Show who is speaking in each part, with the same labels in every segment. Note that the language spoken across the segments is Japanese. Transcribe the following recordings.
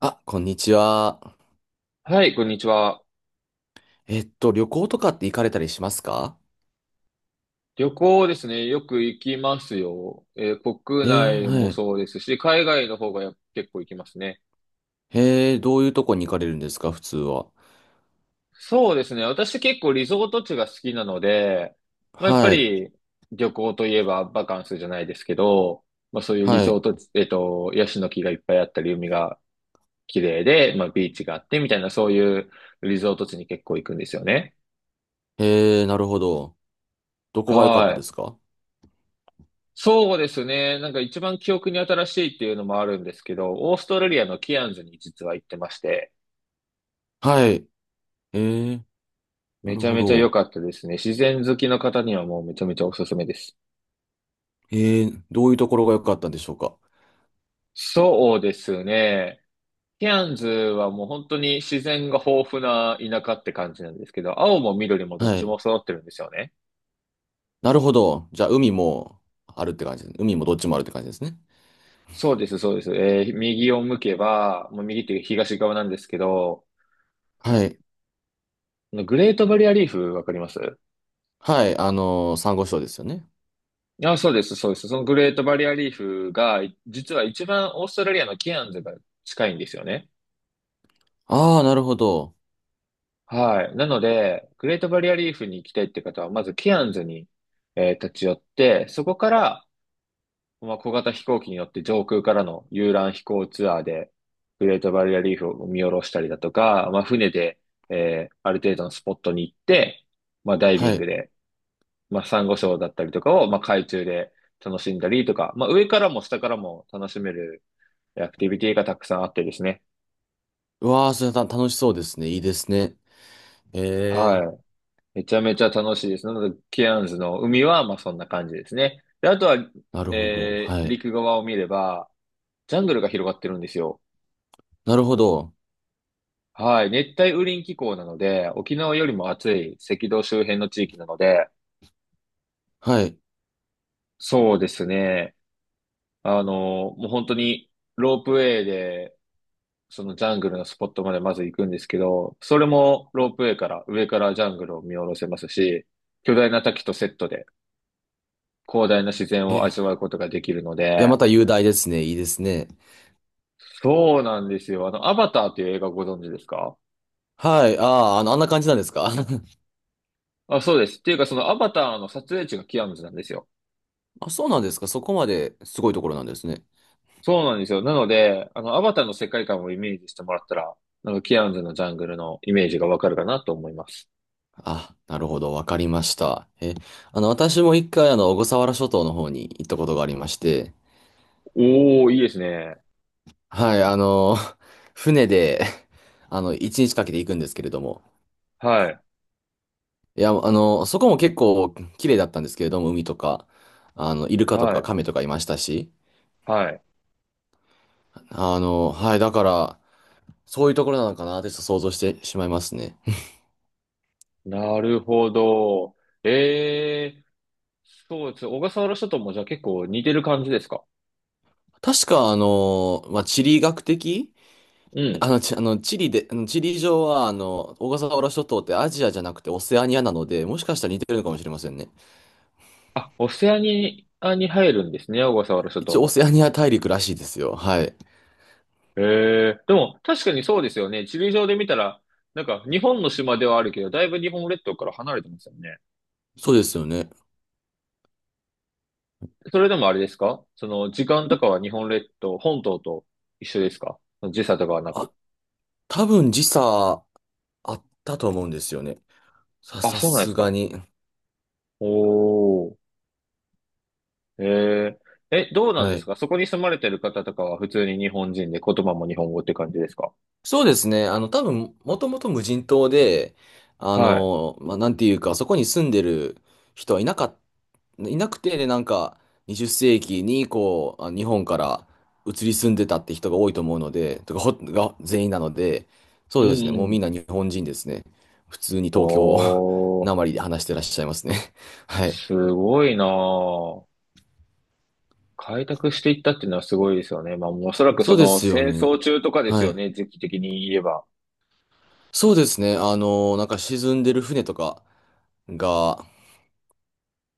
Speaker 1: あ、こんにちは。
Speaker 2: はい、こんにちは。
Speaker 1: 旅行とかって行かれたりしますか？
Speaker 2: 旅行ですね。よく行きますよ。国
Speaker 1: ええ、
Speaker 2: 内も
Speaker 1: はい。
Speaker 2: そうですし、海外の方が結構行きますね。
Speaker 1: ええ、どういうとこに行かれるんですか、普通は。
Speaker 2: そうですね。私結構リゾート地が好きなので、まあ、やっぱ
Speaker 1: はい、
Speaker 2: り旅行といえばバカンスじゃないですけど、まあ、そういうリ
Speaker 1: は
Speaker 2: ゾー
Speaker 1: い。
Speaker 2: ト地、ヤシの木がいっぱいあったり、海が綺麗で、まあ、ビーチがあってみたいな、そういうリゾート地に結構行くんですよね。
Speaker 1: ええ、なるほど。どこが良かった
Speaker 2: は
Speaker 1: で
Speaker 2: い。
Speaker 1: すか？
Speaker 2: そうですね。なんか一番記憶に新しいっていうのもあるんですけど、オーストラリアのキアンズに実は行ってまして、
Speaker 1: はい。ええ、な
Speaker 2: め
Speaker 1: る
Speaker 2: ちゃ
Speaker 1: ほ
Speaker 2: めちゃ良
Speaker 1: ど。
Speaker 2: かったですね。自然好きの方にはもうめちゃめちゃおすすめです。
Speaker 1: ええ、どういうところが良かったんでしょうか？
Speaker 2: そうですね。キアンズはもう本当に自然が豊富な田舎って感じなんですけど、青も緑もどっ
Speaker 1: は
Speaker 2: ち
Speaker 1: い。
Speaker 2: も揃ってるんですよね。
Speaker 1: なるほど。じゃあ、海もあるって感じですね。海もどっちもあるって感じですね。
Speaker 2: そうです、そうです。右を向けば、もう右っていう東側なんですけど、
Speaker 1: はい。
Speaker 2: あのグレートバリアリーフわかります？
Speaker 1: はい、サンゴ礁ですよね。
Speaker 2: あ、そうです、そうです。そのグレートバリアリーフが、実は一番オーストラリアのケアンズが近いんですよね。
Speaker 1: ああ、なるほど。
Speaker 2: はい。なので、グレートバリアリーフに行きたいって方は、まずケアンズに、立ち寄って、そこから、まあ、小型飛行機に乗って上空からの遊覧飛行ツアーで、グレートバリアリーフを見下ろしたりだとか、まあ、船で、ある程度のスポットに行って、まあ、ダイビ
Speaker 1: は
Speaker 2: ング
Speaker 1: い。
Speaker 2: で、まあ、サンゴ礁だったりとかを、まあ、海中で楽しんだりとか、まあ、上からも下からも楽しめるアクティビティがたくさんあってですね。
Speaker 1: うわあ、それた楽しそうですね。いいですね。え
Speaker 2: は
Speaker 1: え。
Speaker 2: い。めちゃめちゃ楽しいです。なので、ケアンズの海は、まあそんな感じですね。で、あとは、
Speaker 1: なるほど。はい。
Speaker 2: 陸側を見れば、ジャングルが広がってるんですよ。
Speaker 1: なるほど。
Speaker 2: はい。熱帯雨林気候なので、沖縄よりも暑い赤道周辺の地域なので、
Speaker 1: はい。
Speaker 2: そうですね。もう本当にロープウェイで、そのジャングルのスポットまでまず行くんですけど、それもロープウェイから、上からジャングルを見下ろせますし、巨大な滝とセットで、広大な自然
Speaker 1: え、
Speaker 2: を
Speaker 1: い
Speaker 2: 味わうことができるの
Speaker 1: や、
Speaker 2: で、
Speaker 1: また雄大ですね。いいですね。
Speaker 2: そうなんですよ。アバターっていう映画ご存知ですか？
Speaker 1: はい。ああ、あんな感じなんですか？
Speaker 2: あ、そうです。っていうか、そのアバターの撮影地がキアヌズなんですよ。
Speaker 1: あ、そうなんですか。そこまですごいところなんですね。
Speaker 2: そうなんですよ。なので、アバターの世界観をイメージしてもらったら、なんかキアヌズのジャングルのイメージがわかるかなと思います。
Speaker 1: あ、なるほど。わかりました。え、あの、私も1回、小笠原諸島の方に行ったことがありまして、
Speaker 2: おー、いいですね。
Speaker 1: はい、船で、1日かけて行くんですけれども、
Speaker 2: はい、
Speaker 1: いや、そこも結構綺麗だったんですけれども、海とか、イルカと
Speaker 2: は
Speaker 1: か
Speaker 2: い、
Speaker 1: カメとかいましたし、
Speaker 2: はい。
Speaker 1: はい、だから、そういうところなのかなってちょっと想像してしまいますね。
Speaker 2: なるほど。えー、そうです。小笠原諸島もじゃあ結構似てる感じですか？
Speaker 1: 確か、まあ、地理学的
Speaker 2: う
Speaker 1: あ
Speaker 2: ん。
Speaker 1: の、ち、あの、地理で、地理上は、小笠原諸島ってアジアじゃなくてオセアニアなので、もしかしたら似てるのかもしれませんね。
Speaker 2: あ、オセアニアに入るんですね、小笠原諸島
Speaker 1: 一応オ
Speaker 2: も。
Speaker 1: セアニア大陸らしいですよ。はい。
Speaker 2: へえ。でも、確かにそうですよね。地理上で見たら、なんか、日本の島ではあるけど、だいぶ日本列島から離れてますよね。
Speaker 1: そうですよね。
Speaker 2: それでもあれですか？その、時間とかは日本列島、本島と一緒ですか？時差とかはなく。
Speaker 1: あ、多分時差あったと思うんですよね。
Speaker 2: あ、
Speaker 1: さ
Speaker 2: そうなんで
Speaker 1: す
Speaker 2: す
Speaker 1: が
Speaker 2: か。
Speaker 1: に。
Speaker 2: おー。へえ。え、どうなんで
Speaker 1: は
Speaker 2: す
Speaker 1: い。
Speaker 2: か？そこに住まれてる方とかは普通に日本人で言葉も日本語って感じですか？
Speaker 1: そうですね。多分、もともと無人島で、
Speaker 2: は
Speaker 1: まあ、なんていうか、そこに住んでる人はいなかったいなくて、で、なんか、20世紀に、こう、日本から移り住んでたって人が多いと思うので、とか、が全員なので、そ
Speaker 2: い。
Speaker 1: うですね、
Speaker 2: う
Speaker 1: もう
Speaker 2: んう
Speaker 1: み
Speaker 2: ん。
Speaker 1: んな日本人ですね。普通に東京
Speaker 2: おー。
Speaker 1: なまり で話してらっしゃいますね。はい。
Speaker 2: すごいなぁ。開拓していったっていうのはすごいですよね。まあ、おそらくそ
Speaker 1: そうで
Speaker 2: の
Speaker 1: すよ
Speaker 2: 戦
Speaker 1: ね。
Speaker 2: 争中とかです
Speaker 1: は
Speaker 2: よ
Speaker 1: い。
Speaker 2: ね、時期的に言えば。
Speaker 1: そうですね、なんか沈んでる船とかが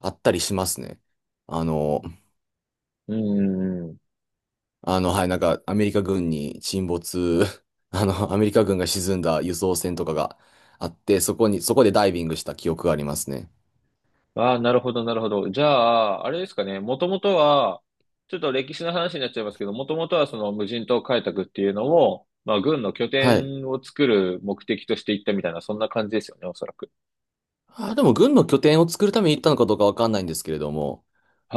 Speaker 1: あったりしますね。あの、
Speaker 2: うんうんうん。
Speaker 1: はい、なんか、アメリカ軍に沈没、アメリカ軍が沈んだ輸送船とかがあって、そこでダイビングした記憶がありますね。
Speaker 2: ああ、なるほど、なるほど。じゃあ、あれですかね、もともとは、ちょっと歴史の話になっちゃいますけど、もともとはその無人島開拓っていうのを、まあ、軍の拠
Speaker 1: はい。
Speaker 2: 点を作る目的としていったみたいな、そんな感じですよね、おそらく。
Speaker 1: でも軍の拠点を作るために行ったのかどうかわかんないんですけれども、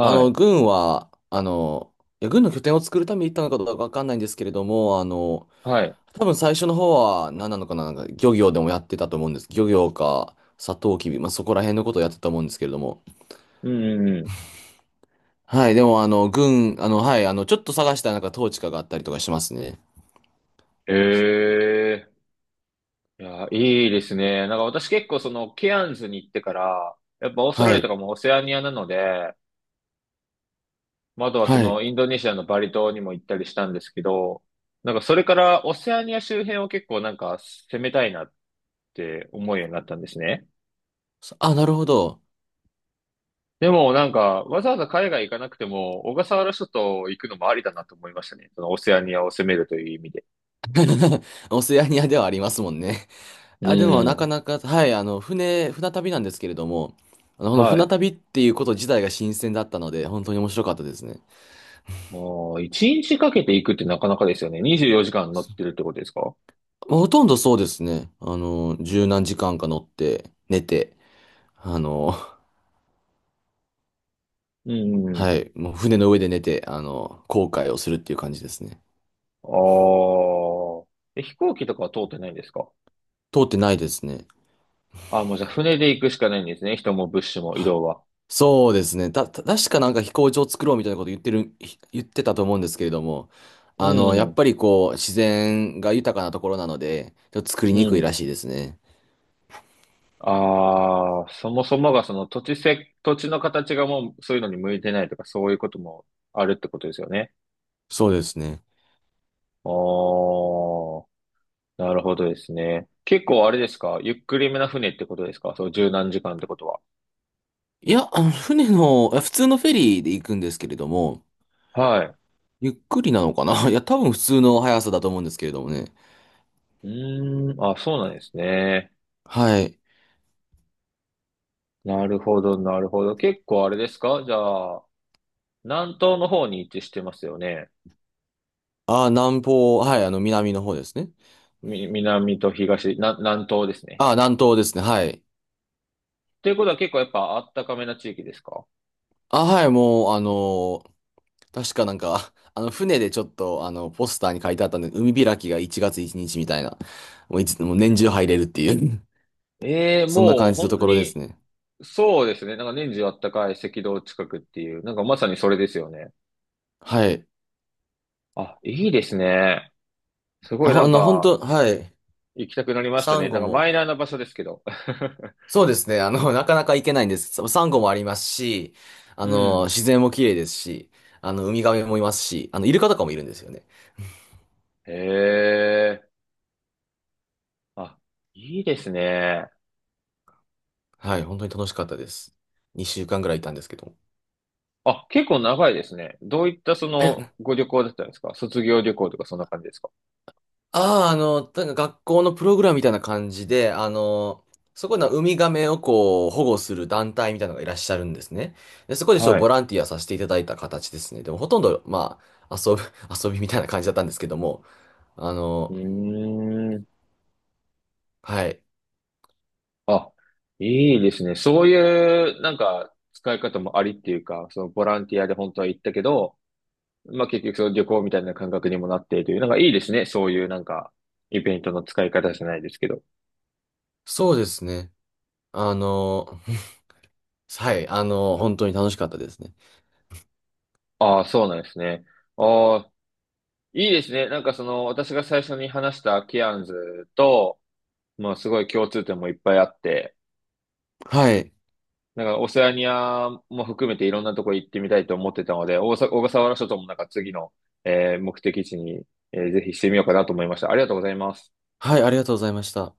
Speaker 1: あの、
Speaker 2: い。
Speaker 1: 軍は、あの、いや、軍の拠点を作るために行ったのかどうかわかんないんですけれども、
Speaker 2: はい。
Speaker 1: 多分最初の方は何なのかな、なんか漁業でもやってたと思うんです。漁業か、サトウキビ、まあ、そこら辺のことをやってたと思うんですけれども、
Speaker 2: うんうんうん。
Speaker 1: はい、でも、あの、軍、あの、はい、ちょっと探したらなんか統治下があったりとかしますね。
Speaker 2: ええ、いや、いいですね。なんか私結構そのケアンズに行ってから、やっぱオーストラ
Speaker 1: は
Speaker 2: リアと
Speaker 1: い、
Speaker 2: かもオセアニアなので、まあ、あとはそ
Speaker 1: はい。
Speaker 2: のインドネシアのバリ島にも行ったりしたんですけど、なんかそれからオセアニア周辺を結構なんか攻めたいなって思うようになったんですね。
Speaker 1: あ、なるほど。
Speaker 2: でもなんかわざわざ海外行かなくても小笠原諸島行くのもありだなと思いましたね。そのオセアニアを攻めるという意味で。
Speaker 1: オセアニアではありますもんね。
Speaker 2: う
Speaker 1: あ、でも、なか
Speaker 2: ん。
Speaker 1: なか、はい、船旅なんですけれども、この
Speaker 2: はい。
Speaker 1: 船
Speaker 2: あ
Speaker 1: 旅っていうこと自体が新鮮だったので、本当に面白かったですね。
Speaker 2: あ、一日かけて行くってなかなかですよね。24時間乗ってるってことですか？
Speaker 1: まあほとんどそうですね。十何時間か乗って、寝て、あの、
Speaker 2: うんう
Speaker 1: は
Speaker 2: ん。
Speaker 1: い、もう船の上で寝て、航海をするっていう感じですね。
Speaker 2: ああ。え、飛行機とかは通ってないんですか？
Speaker 1: 通ってないですね。
Speaker 2: ああ、もうじゃあ船で行くしかないんですね。人も物資も移動は。
Speaker 1: そうですね。た確かなんか飛行場を作ろうみたいなこと言ってたと思うんですけれども、
Speaker 2: う
Speaker 1: やっ
Speaker 2: ん、
Speaker 1: ぱりこう、自然が豊かなところなので、ちょっと作り
Speaker 2: う
Speaker 1: にくい
Speaker 2: ん。
Speaker 1: らしいですね。
Speaker 2: ああ、そもそもがその土地土地の形がもうそういうのに向いてないとかそういうこともあるってことですよね。
Speaker 1: そうですね。
Speaker 2: おあ、なるほどですね。結構あれですか？ゆっくりめな船ってことですか？そう、十何時間ってことは。
Speaker 1: いや、あの、船の、あ普通のフェリーで行くんですけれども、
Speaker 2: はい。
Speaker 1: ゆっくりなのかな いや、多分普通の速さだと思うんですけれどもね。
Speaker 2: うーん、あ、そうなんですね。
Speaker 1: はい。
Speaker 2: なるほど、なるほど。結構あれですか？じゃあ、南東の方に位置してますよね。
Speaker 1: あ、南方、はい、南の方ですね。
Speaker 2: 南と東、南東ですね。
Speaker 1: あ、南東ですね。はい。
Speaker 2: ということは結構やっぱあったかめな地域ですか？
Speaker 1: あ、はい、もう、確かなんか、船でちょっと、ポスターに書いてあったんで、海開きが1月1日みたいな、もう年中入れるっていう
Speaker 2: え え、
Speaker 1: そんな
Speaker 2: もう
Speaker 1: 感じの
Speaker 2: 本
Speaker 1: と
Speaker 2: 当
Speaker 1: ころです
Speaker 2: に、
Speaker 1: ね。
Speaker 2: そうですね。なんか年中あったかい赤道近くっていう、なんかまさにそれですよね。
Speaker 1: はい。
Speaker 2: あ、いいですね。すご
Speaker 1: あ、
Speaker 2: いな
Speaker 1: ほあ
Speaker 2: ん
Speaker 1: の、本
Speaker 2: か、
Speaker 1: 当はい。
Speaker 2: 行きたくなりました
Speaker 1: サン
Speaker 2: ね。な
Speaker 1: ゴ
Speaker 2: んかマイナ
Speaker 1: も、
Speaker 2: ーな場所ですけど。
Speaker 1: そうですね、なかなか行けないんです。サンゴもありますし、
Speaker 2: う
Speaker 1: 自
Speaker 2: ん。
Speaker 1: 然も綺麗ですし、ウミガメもいますし、イルカとかもいるんですよね。
Speaker 2: へえ。あ、いいですね。
Speaker 1: はい、本当に楽しかったです。2週間ぐらいいたんですけど。
Speaker 2: あ、結構長いですね。どういったその
Speaker 1: え
Speaker 2: ご旅行だったんですか？卒業旅行とかそんな感じですか？
Speaker 1: ああ、なんか学校のプログラムみたいな感じで、そこのウミガメをこう保護する団体みたいなのがいらっしゃるんですね。で、そこでちょっ
Speaker 2: は
Speaker 1: と
Speaker 2: い。
Speaker 1: ボ
Speaker 2: う
Speaker 1: ランティアさせていただいた形ですね。でもほとんど、まあ、遊びみたいな感じだったんですけども、あ
Speaker 2: ー
Speaker 1: の、
Speaker 2: ん。
Speaker 1: はい。
Speaker 2: あ、いいですね。そういう、なんか、使い方もありっていうか、そのボランティアで本当は行ったけど、まあ結局その旅行みたいな感覚にもなっているという、なんかいいですね。そういうなんか、イベントの使い方じゃないですけど。
Speaker 1: そうですね。あの、はい。本当に楽しかったですね。
Speaker 2: ああ、そうなんですね。ああ、いいですね。なんかその、私が最初に話したケアンズと、まあすごい共通点もいっぱいあって、
Speaker 1: はい。
Speaker 2: なんか、オセアニアも含めていろんなとこ行ってみたいと思ってたので、小笠原諸島もなんか次の、目的地に、ぜひしてみようかなと思いました。ありがとうございます。
Speaker 1: はい、ありがとうございました。